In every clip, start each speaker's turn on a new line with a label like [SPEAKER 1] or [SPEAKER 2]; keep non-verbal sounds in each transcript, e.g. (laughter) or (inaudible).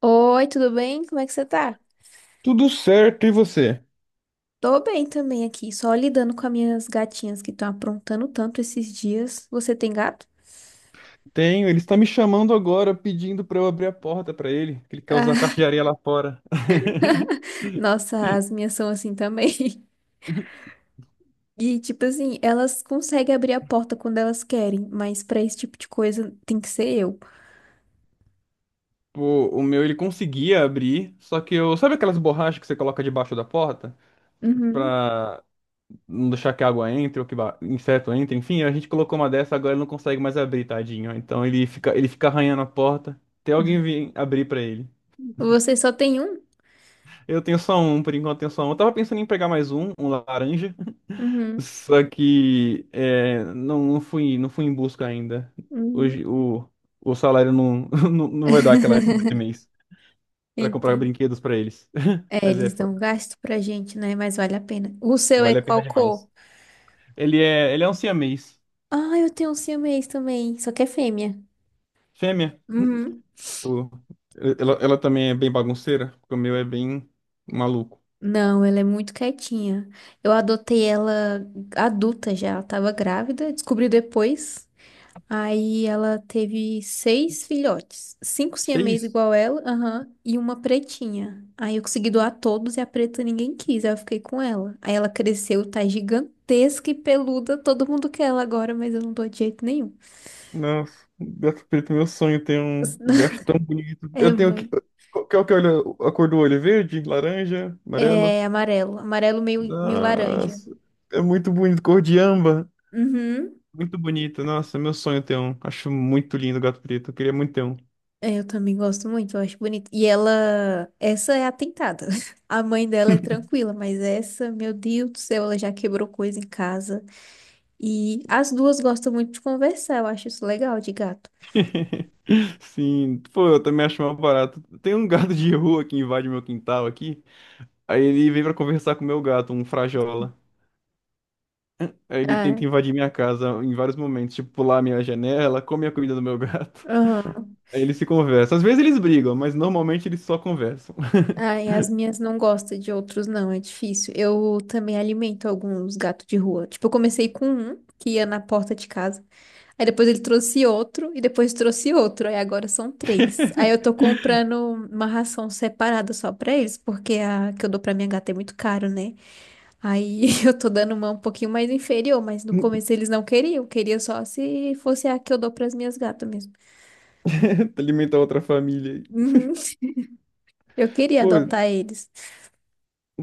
[SPEAKER 1] Oi, tudo bem? Como é que você tá?
[SPEAKER 2] Tudo certo, e você?
[SPEAKER 1] Tô bem também aqui, só lidando com as minhas gatinhas que estão aprontando tanto esses dias. Você tem gato? (laughs)
[SPEAKER 2] Tenho, ele está me chamando agora, pedindo para eu abrir a porta para ele, que ele quer usar a
[SPEAKER 1] Ah,
[SPEAKER 2] caixa de areia lá fora.
[SPEAKER 1] nossa, as minhas são assim também. (laughs) E tipo assim, elas conseguem abrir a porta quando elas querem, mas pra esse tipo de coisa tem que ser eu.
[SPEAKER 2] Pô, o meu ele conseguia abrir, só que eu, sabe aquelas borrachas que você coloca debaixo da porta
[SPEAKER 1] Uhum.
[SPEAKER 2] pra não deixar que a água entre ou que inseto entre, enfim, a gente colocou uma dessa, agora ele não consegue mais abrir, tadinho. Então ele fica arranhando a porta até alguém vir abrir para ele.
[SPEAKER 1] Você só tem um?
[SPEAKER 2] Eu tenho só um, por enquanto eu tenho só um. Eu tava pensando em pegar mais um, um laranja.
[SPEAKER 1] Uhum.
[SPEAKER 2] Só que não fui em busca ainda.
[SPEAKER 1] Uhum.
[SPEAKER 2] Hoje o salário (laughs) não vai dar
[SPEAKER 1] (laughs)
[SPEAKER 2] aquela ajuda esse mês para comprar
[SPEAKER 1] Entendo.
[SPEAKER 2] brinquedos para eles. (laughs)
[SPEAKER 1] É,
[SPEAKER 2] Mas
[SPEAKER 1] eles dão gasto pra gente, né? Mas vale a pena. O seu é
[SPEAKER 2] vale a pena
[SPEAKER 1] qual cor?
[SPEAKER 2] demais. Ele é um siamês.
[SPEAKER 1] Ah, eu tenho um siamês também, só que é fêmea.
[SPEAKER 2] Fêmea.
[SPEAKER 1] Uhum.
[SPEAKER 2] O- ela também é bem bagunceira, porque o meu é bem maluco.
[SPEAKER 1] Não, ela é muito quietinha. Eu adotei ela adulta já, ela tava grávida, descobri depois. Aí ela teve seis filhotes, cinco
[SPEAKER 2] Que
[SPEAKER 1] siamês
[SPEAKER 2] isso?
[SPEAKER 1] igual ela, aham, e uma pretinha. Aí eu consegui doar todos e a preta ninguém quis, aí eu fiquei com ela. Aí ela cresceu, tá gigantesca e peluda, todo mundo quer ela agora, mas eu não dou de jeito nenhum.
[SPEAKER 2] Nossa, gato preto, meu sonho tem um gato tão
[SPEAKER 1] (laughs)
[SPEAKER 2] bonito.
[SPEAKER 1] É
[SPEAKER 2] Eu tenho que.
[SPEAKER 1] muito,
[SPEAKER 2] Qual que é a cor do olho? Verde, laranja, amarelo?
[SPEAKER 1] é amarelo, amarelo meio, meio laranja.
[SPEAKER 2] Nossa, é muito bonito, cor de âmbar.
[SPEAKER 1] Uhum.
[SPEAKER 2] Muito bonito, nossa, é meu sonho ter um. Acho muito lindo o gato preto, eu queria muito ter um.
[SPEAKER 1] É, eu também gosto muito, eu acho bonito. E ela, essa é atentada. (laughs) A mãe dela é tranquila, mas essa, meu Deus do céu, ela já quebrou coisa em casa. E as duas gostam muito de conversar, eu acho isso legal de gato.
[SPEAKER 2] (laughs) Sim, pô, eu também acho mal barato. Tem um gato de rua que invade meu quintal aqui, aí ele vem pra conversar com o meu gato, um frajola. Aí ele
[SPEAKER 1] Ah,
[SPEAKER 2] tenta invadir minha casa em vários momentos, tipo pular a minha janela, come a comida do meu gato. (laughs)
[SPEAKER 1] aham.
[SPEAKER 2] Aí eles se conversam. Às vezes eles brigam, mas normalmente eles só conversam.
[SPEAKER 1] Ah, e as minhas não gostam de outros, não, é difícil. Eu também alimento alguns gatos de rua. Tipo, eu comecei com um que ia na porta de casa. Aí depois ele trouxe outro e depois trouxe outro. Aí agora são três. Aí eu tô
[SPEAKER 2] (laughs)
[SPEAKER 1] comprando uma ração separada só pra eles, porque a que eu dou pra minha gata é muito caro, né? Aí (laughs) eu tô dando uma um pouquinho mais inferior, mas no começo eles não queriam. Queria só se fosse a que eu dou pras minhas gatas mesmo.
[SPEAKER 2] (laughs) Alimentar outra família aí.
[SPEAKER 1] Uhum. Eu queria
[SPEAKER 2] Pô,
[SPEAKER 1] adotar eles.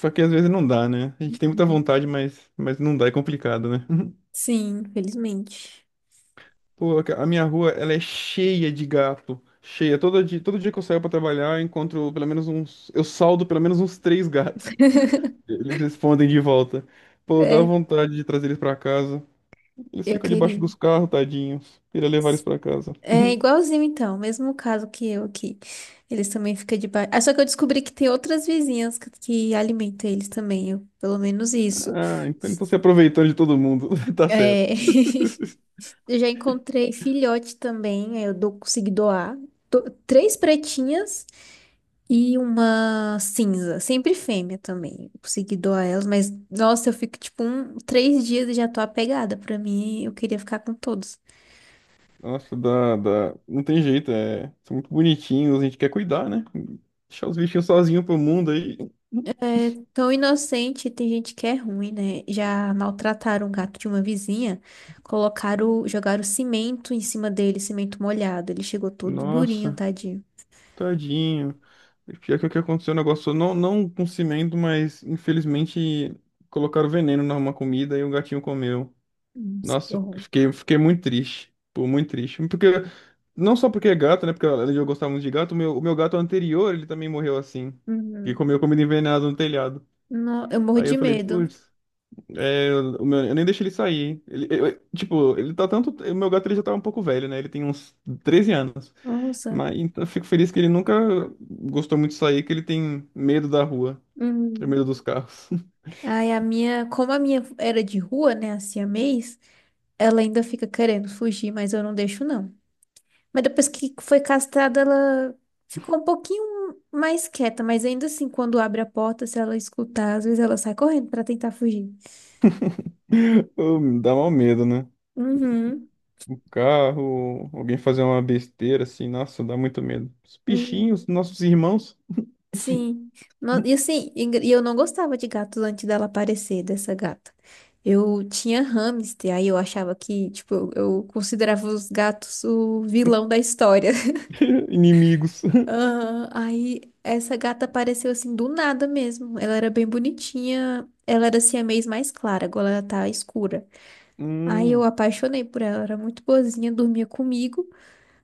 [SPEAKER 2] só que às vezes não dá, né? A gente tem muita vontade, mas não dá, é complicado, né? (laughs)
[SPEAKER 1] Sim, felizmente.
[SPEAKER 2] Pô, a minha rua, ela é cheia de gato. Cheia. Todo dia que eu saio pra trabalhar, eu encontro pelo menos uns. Eu saldo pelo menos uns três gatos. Eles respondem de volta. Pô, dá
[SPEAKER 1] É,
[SPEAKER 2] vontade de trazer eles pra casa. Eles
[SPEAKER 1] eu
[SPEAKER 2] ficam debaixo
[SPEAKER 1] queria.
[SPEAKER 2] dos carros, tadinhos. Queria levar eles pra casa.
[SPEAKER 1] É igualzinho então, mesmo caso que eu aqui. Eles também ficam debaixo. Ah, só que eu descobri que tem outras vizinhas que alimentam eles também, pelo menos isso.
[SPEAKER 2] Ah, então se aproveitando de todo mundo. (laughs) Tá certo.
[SPEAKER 1] É, (laughs) eu já encontrei filhote também, aí eu dou, consegui doar. Três pretinhas e uma cinza, sempre fêmea também. Eu consegui doar elas, mas nossa, eu fico tipo um, 3 dias e já tô apegada. Pra mim, eu queria ficar com todos.
[SPEAKER 2] Nossa, dá, dá. Não tem jeito, é. São muito bonitinhos, a gente quer cuidar, né? Deixar os bichinhos sozinhos pro mundo aí.
[SPEAKER 1] É tão inocente, tem gente que é ruim, né? Já maltrataram o gato de uma vizinha, jogaram cimento em cima dele, cimento molhado. Ele chegou todo durinho,
[SPEAKER 2] Nossa,
[SPEAKER 1] tadinho.
[SPEAKER 2] tadinho. Pior que o que aconteceu, o negócio não com cimento, mas infelizmente colocaram veneno numa comida e o gatinho comeu.
[SPEAKER 1] Nossa, que
[SPEAKER 2] Nossa,
[SPEAKER 1] horror.
[SPEAKER 2] fiquei muito triste. Pô, muito triste. Porque, não só porque é gato, né? Porque além de eu gostar muito de gato, o meu gato anterior, ele também morreu assim. E
[SPEAKER 1] Uhum.
[SPEAKER 2] comeu comida envenenada no telhado.
[SPEAKER 1] Eu morro
[SPEAKER 2] Aí
[SPEAKER 1] de
[SPEAKER 2] eu falei,
[SPEAKER 1] medo.
[SPEAKER 2] putz. É, eu nem deixo ele sair. Tipo, ele tá tanto. O meu gato ele já tá um pouco velho, né? Ele tem uns 13 anos.
[SPEAKER 1] Nossa.
[SPEAKER 2] Mas então, eu fico feliz que ele nunca gostou muito de sair, que ele tem medo da rua, tem
[SPEAKER 1] Uhum.
[SPEAKER 2] medo dos carros.
[SPEAKER 1] Aí a minha, como a minha era de rua, né, a siamês, ela ainda fica querendo fugir, mas eu não deixo, não. Mas depois que foi castrada, ela ficou um pouquinho mais quieta, mas ainda assim, quando abre a porta, se ela escutar, às vezes ela sai correndo pra tentar fugir.
[SPEAKER 2] (laughs) Dá mal medo, né?
[SPEAKER 1] Uhum.
[SPEAKER 2] O carro, alguém fazer uma besteira assim, nossa, dá muito medo. Os
[SPEAKER 1] Hum.
[SPEAKER 2] bichinhos, nossos irmãos,
[SPEAKER 1] Sim. E assim, e eu não gostava de gatos antes dela aparecer, dessa gata. Eu tinha hamster, aí eu achava que, tipo, eu considerava os gatos o vilão da história.
[SPEAKER 2] (laughs) inimigos. (laughs)
[SPEAKER 1] Aham. Aí essa gata apareceu assim do nada mesmo. Ela era bem bonitinha. Ela era siamês mais clara, agora ela tá escura. Aí eu
[SPEAKER 2] Hum,
[SPEAKER 1] apaixonei por ela, era muito boazinha, dormia comigo.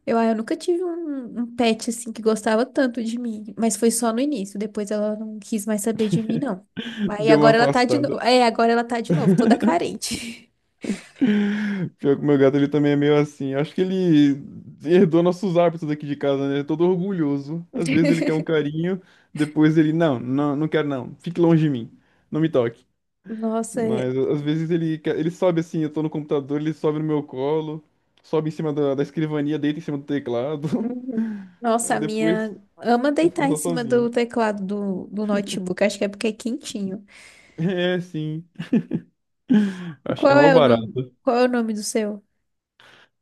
[SPEAKER 1] Eu nunca tive um pet assim que gostava tanto de mim, mas foi só no início. Depois ela não quis mais saber de mim, não. Aí
[SPEAKER 2] deu uma
[SPEAKER 1] agora ela tá de novo.
[SPEAKER 2] afastada.
[SPEAKER 1] É, agora ela tá de novo, toda
[SPEAKER 2] (laughs)
[SPEAKER 1] carente.
[SPEAKER 2] Pior que o meu gato, ele também é meio assim. Acho que ele herdou nossos hábitos aqui de casa, né? É todo orgulhoso. Às vezes ele quer um
[SPEAKER 1] (laughs)
[SPEAKER 2] carinho, depois ele, não, não, não quero não. Fique longe de mim. Não me toque.
[SPEAKER 1] Nossa, é.
[SPEAKER 2] Mas às vezes ele sobe assim, eu tô no computador, ele sobe no meu colo, sobe em cima da escrivania, deita em cima do teclado. (laughs)
[SPEAKER 1] Uhum. Nossa,
[SPEAKER 2] Aí
[SPEAKER 1] a
[SPEAKER 2] depois
[SPEAKER 1] minha ama
[SPEAKER 2] quer
[SPEAKER 1] deitar
[SPEAKER 2] ficar
[SPEAKER 1] em
[SPEAKER 2] só
[SPEAKER 1] cima
[SPEAKER 2] sozinho.
[SPEAKER 1] do
[SPEAKER 2] (laughs)
[SPEAKER 1] teclado do notebook. Acho que é porque é quentinho.
[SPEAKER 2] É, sim.
[SPEAKER 1] E
[SPEAKER 2] Acho, é
[SPEAKER 1] qual
[SPEAKER 2] mó
[SPEAKER 1] é o nome?
[SPEAKER 2] barato.
[SPEAKER 1] Qual é o nome do seu?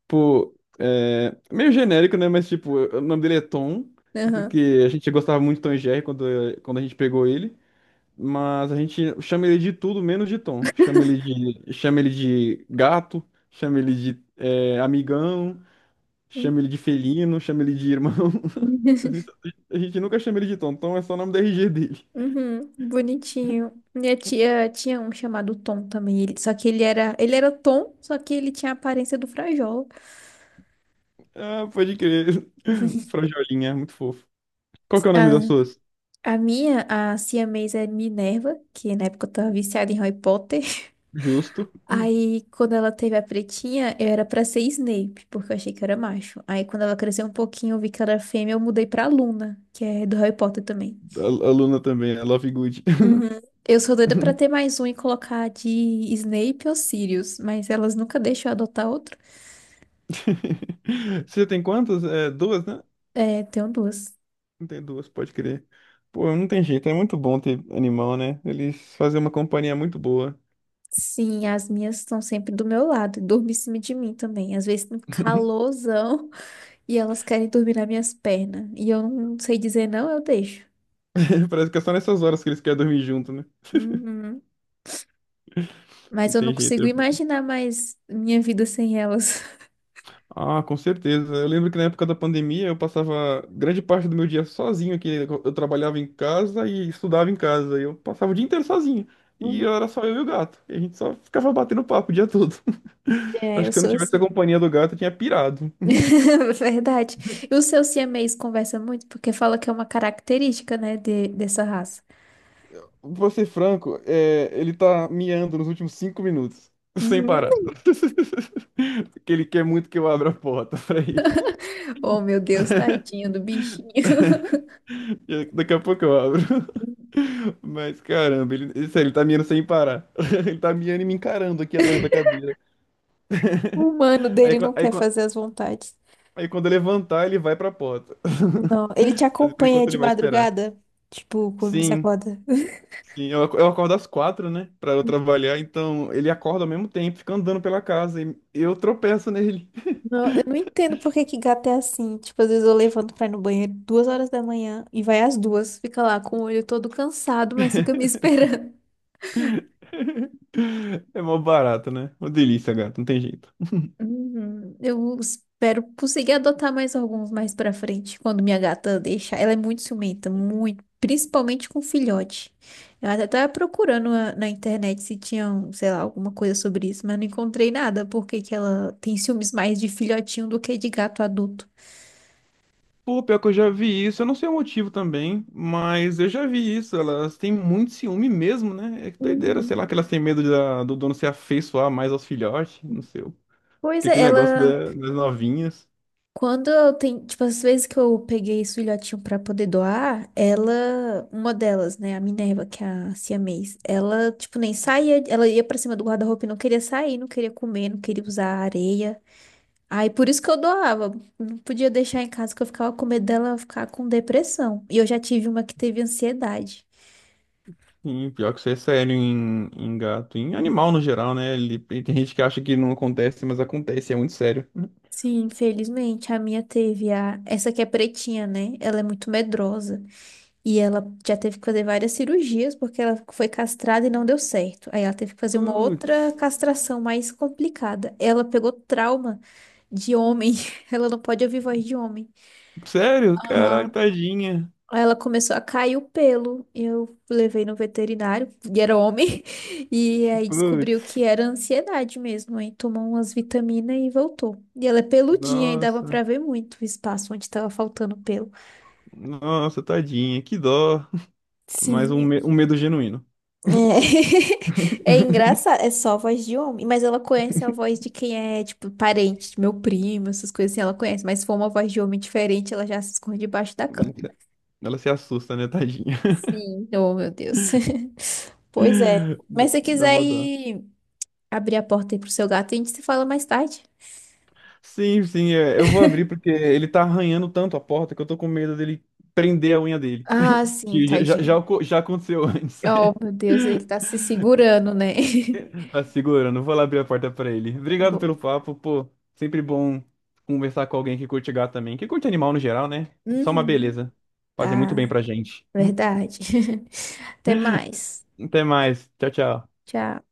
[SPEAKER 2] Tipo, meio genérico, né? Mas, tipo, o nome dele é Tom,
[SPEAKER 1] Aham.
[SPEAKER 2] porque a gente gostava muito de Tom e Jerry quando a gente pegou ele. Mas a gente chama ele de tudo menos de Tom. Chama ele de gato, chama ele de amigão, chama ele de felino, chama ele de irmão. (laughs) A
[SPEAKER 1] (laughs)
[SPEAKER 2] gente a gente nunca chama ele de Tom. Tom é só o nome da RG dele.
[SPEAKER 1] Uhum, bonitinho. Minha tia tinha um chamado Tom também. Ele, só que ele era Tom, só que ele tinha a aparência do Frajola.
[SPEAKER 2] Ah, pode crer.
[SPEAKER 1] (laughs)
[SPEAKER 2] (laughs) Frajolinha, muito fofo. Qual que é o nome das
[SPEAKER 1] A,
[SPEAKER 2] suas?
[SPEAKER 1] a minha, a siamesa é Minerva, que na época eu tava viciada em Harry Potter.
[SPEAKER 2] Justo. Hum.
[SPEAKER 1] Aí, quando ela teve a pretinha, eu era pra ser Snape, porque eu achei que era macho. Aí, quando ela cresceu um pouquinho, eu vi que ela era fêmea, eu mudei pra Luna, que é do Harry Potter também.
[SPEAKER 2] A Luna também, a Love Good.
[SPEAKER 1] Uhum. Eu sou doida pra ter
[SPEAKER 2] (laughs)
[SPEAKER 1] mais um e colocar de Snape ou Sirius, mas elas nunca deixam eu adotar outro.
[SPEAKER 2] (laughs) Você tem quantas? É, duas, né?
[SPEAKER 1] É, tenho duas.
[SPEAKER 2] Tem duas, pode crer. Pô, não tem jeito, é muito bom ter animal, né? Eles fazem uma companhia muito boa.
[SPEAKER 1] Sim, as minhas estão sempre do meu lado, dormem em cima de mim também. Às vezes, um calorzão, (laughs) e elas querem dormir nas minhas pernas. E eu não sei dizer não, eu deixo.
[SPEAKER 2] (laughs) Parece que é só nessas horas que eles querem dormir junto, né?
[SPEAKER 1] Uhum. Mas
[SPEAKER 2] Não
[SPEAKER 1] eu não
[SPEAKER 2] tem jeito.
[SPEAKER 1] consigo imaginar mais minha vida sem elas. (laughs)
[SPEAKER 2] Ah, com certeza. Eu lembro que na época da pandemia eu passava grande parte do meu dia sozinho aqui. Eu trabalhava em casa e estudava em casa. E eu passava o dia inteiro sozinho. E
[SPEAKER 1] Hum.
[SPEAKER 2] era só eu e o gato. E a gente só ficava batendo papo o dia todo. (laughs)
[SPEAKER 1] É,
[SPEAKER 2] Acho
[SPEAKER 1] eu
[SPEAKER 2] que se eu não
[SPEAKER 1] sou
[SPEAKER 2] tivesse a
[SPEAKER 1] assim.
[SPEAKER 2] companhia do gato, eu tinha pirado.
[SPEAKER 1] (laughs) Verdade. E o seu siamês conversa muito porque fala que é uma característica, né, dessa raça.
[SPEAKER 2] Vou ser franco, ele tá miando nos últimos 5 minutos, sem
[SPEAKER 1] Uhum.
[SPEAKER 2] parar. (laughs) Porque ele quer muito que eu abra a porta pra ele.
[SPEAKER 1] Oh, meu Deus, tadinho do bichinho. (laughs)
[SPEAKER 2] (laughs) E daqui a pouco eu abro. (laughs) Mas caramba, sério, ele tá miando sem parar. (laughs) Ele tá miando e me encarando aqui atrás da cadeira.
[SPEAKER 1] O
[SPEAKER 2] (laughs)
[SPEAKER 1] humano
[SPEAKER 2] Aí,
[SPEAKER 1] dele
[SPEAKER 2] quan-
[SPEAKER 1] não
[SPEAKER 2] aí,
[SPEAKER 1] quer
[SPEAKER 2] quan-
[SPEAKER 1] fazer as vontades.
[SPEAKER 2] aí quando eu levantar, ele vai pra porta.
[SPEAKER 1] Não, ele te
[SPEAKER 2] (laughs) Mas por
[SPEAKER 1] acompanha
[SPEAKER 2] enquanto
[SPEAKER 1] de
[SPEAKER 2] ele vai esperar.
[SPEAKER 1] madrugada? Tipo, quando você
[SPEAKER 2] Sim.
[SPEAKER 1] acorda.
[SPEAKER 2] Sim, eu acordo às 4, né? Pra eu
[SPEAKER 1] (laughs)
[SPEAKER 2] trabalhar, então ele acorda ao mesmo tempo, fica andando pela casa e eu tropeço nele.
[SPEAKER 1] Não, eu não entendo por que que gato é assim. Tipo, às vezes eu levanto pra ir no banheiro 2 horas da manhã e vai às 2, fica lá com o olho todo cansado, mas fica me (laughs) esperando.
[SPEAKER 2] (laughs) É mó barato, né? Uma delícia, gato, não tem jeito.
[SPEAKER 1] Uhum. Eu espero conseguir adotar mais alguns mais pra frente, quando minha gata deixar. Ela é muito ciumenta, muito, principalmente com filhote. Eu até tava procurando na internet se tinha, um, sei lá, alguma coisa sobre isso, mas não encontrei nada, porque que ela tem ciúmes mais de filhotinho do que de gato adulto.
[SPEAKER 2] Pô, pior que eu já vi isso, eu não sei o motivo também, mas eu já vi isso, elas têm muito ciúme mesmo, né? É que doideira, sei
[SPEAKER 1] Uhum.
[SPEAKER 2] lá, que elas têm medo do dono se afeiçoar mais aos filhotes, não sei.
[SPEAKER 1] Pois
[SPEAKER 2] Porque
[SPEAKER 1] é,
[SPEAKER 2] aquele negócio
[SPEAKER 1] ela.
[SPEAKER 2] das novinhas.
[SPEAKER 1] Quando eu tenho, tipo, as vezes que eu peguei esse filhotinho pra poder doar, ela, uma delas, né, a Minerva, que é a siamês, ela, tipo, nem saía, ela ia pra cima do guarda-roupa e não queria sair, não queria comer, não queria usar a areia. Aí por isso que eu doava, não podia deixar em casa que eu ficava com medo dela ficar com depressão. E eu já tive uma que teve ansiedade.
[SPEAKER 2] Sim, pior que isso é sério em gato, em animal no geral, né? Ele, e tem gente que acha que não acontece, mas acontece, é muito sério.
[SPEAKER 1] Sim, infelizmente, a minha teve essa que é pretinha, né? Ela é muito medrosa. E ela já teve que fazer várias cirurgias porque ela foi castrada e não deu certo. Aí ela teve que fazer uma outra
[SPEAKER 2] Putz,
[SPEAKER 1] castração mais complicada. Ela pegou trauma de homem. (laughs) Ela não pode ouvir voz de homem.
[SPEAKER 2] sério? Caraca,
[SPEAKER 1] Aham.
[SPEAKER 2] tadinha.
[SPEAKER 1] Aí ela começou a cair o pelo. Eu levei no veterinário, e era homem. (laughs) E aí descobriu
[SPEAKER 2] Putz,
[SPEAKER 1] que era ansiedade mesmo. Aí tomou umas vitaminas e voltou. E ela é peludinha e dava
[SPEAKER 2] nossa,
[SPEAKER 1] pra ver muito o espaço onde tava faltando pelo.
[SPEAKER 2] nossa, tadinha, que dó. Mas
[SPEAKER 1] Sim.
[SPEAKER 2] um medo genuíno.
[SPEAKER 1] É, (laughs) é engraçado, é só a voz de homem, mas ela conhece a voz de quem é, tipo, parente, de meu primo, essas coisas assim, ela conhece, mas se for uma voz de homem diferente, ela já se esconde debaixo da cama.
[SPEAKER 2] Ela se assusta, né, tadinha?
[SPEAKER 1] Sim. Oh, meu Deus. (laughs) Pois é.
[SPEAKER 2] (laughs) Dá
[SPEAKER 1] Mas se você
[SPEAKER 2] dá
[SPEAKER 1] quiser
[SPEAKER 2] mó dó.
[SPEAKER 1] ir abrir a porta aí pro seu gato, a gente se fala mais tarde.
[SPEAKER 2] Sim, sim, eu vou abrir porque ele tá arranhando tanto a porta que eu tô com medo dele prender a unha dele.
[SPEAKER 1] Ah,
[SPEAKER 2] (laughs)
[SPEAKER 1] sim,
[SPEAKER 2] Que já, já, já
[SPEAKER 1] tadinho.
[SPEAKER 2] oco- já aconteceu antes.
[SPEAKER 1] Oh,
[SPEAKER 2] (laughs)
[SPEAKER 1] meu Deus, ele tá se segurando, né? (laughs)
[SPEAKER 2] Tá segurando, vou lá abrir a porta pra ele.
[SPEAKER 1] Tá
[SPEAKER 2] Obrigado
[SPEAKER 1] bom.
[SPEAKER 2] pelo papo, pô. Sempre bom conversar com alguém que curte gato também. Que curte animal no geral, né? Só uma
[SPEAKER 1] Uhum.
[SPEAKER 2] beleza. Fazer muito bem
[SPEAKER 1] Tá,
[SPEAKER 2] pra gente. (laughs)
[SPEAKER 1] verdade. (laughs) Até mais.
[SPEAKER 2] Até mais. Tchau, tchau.
[SPEAKER 1] Tchau.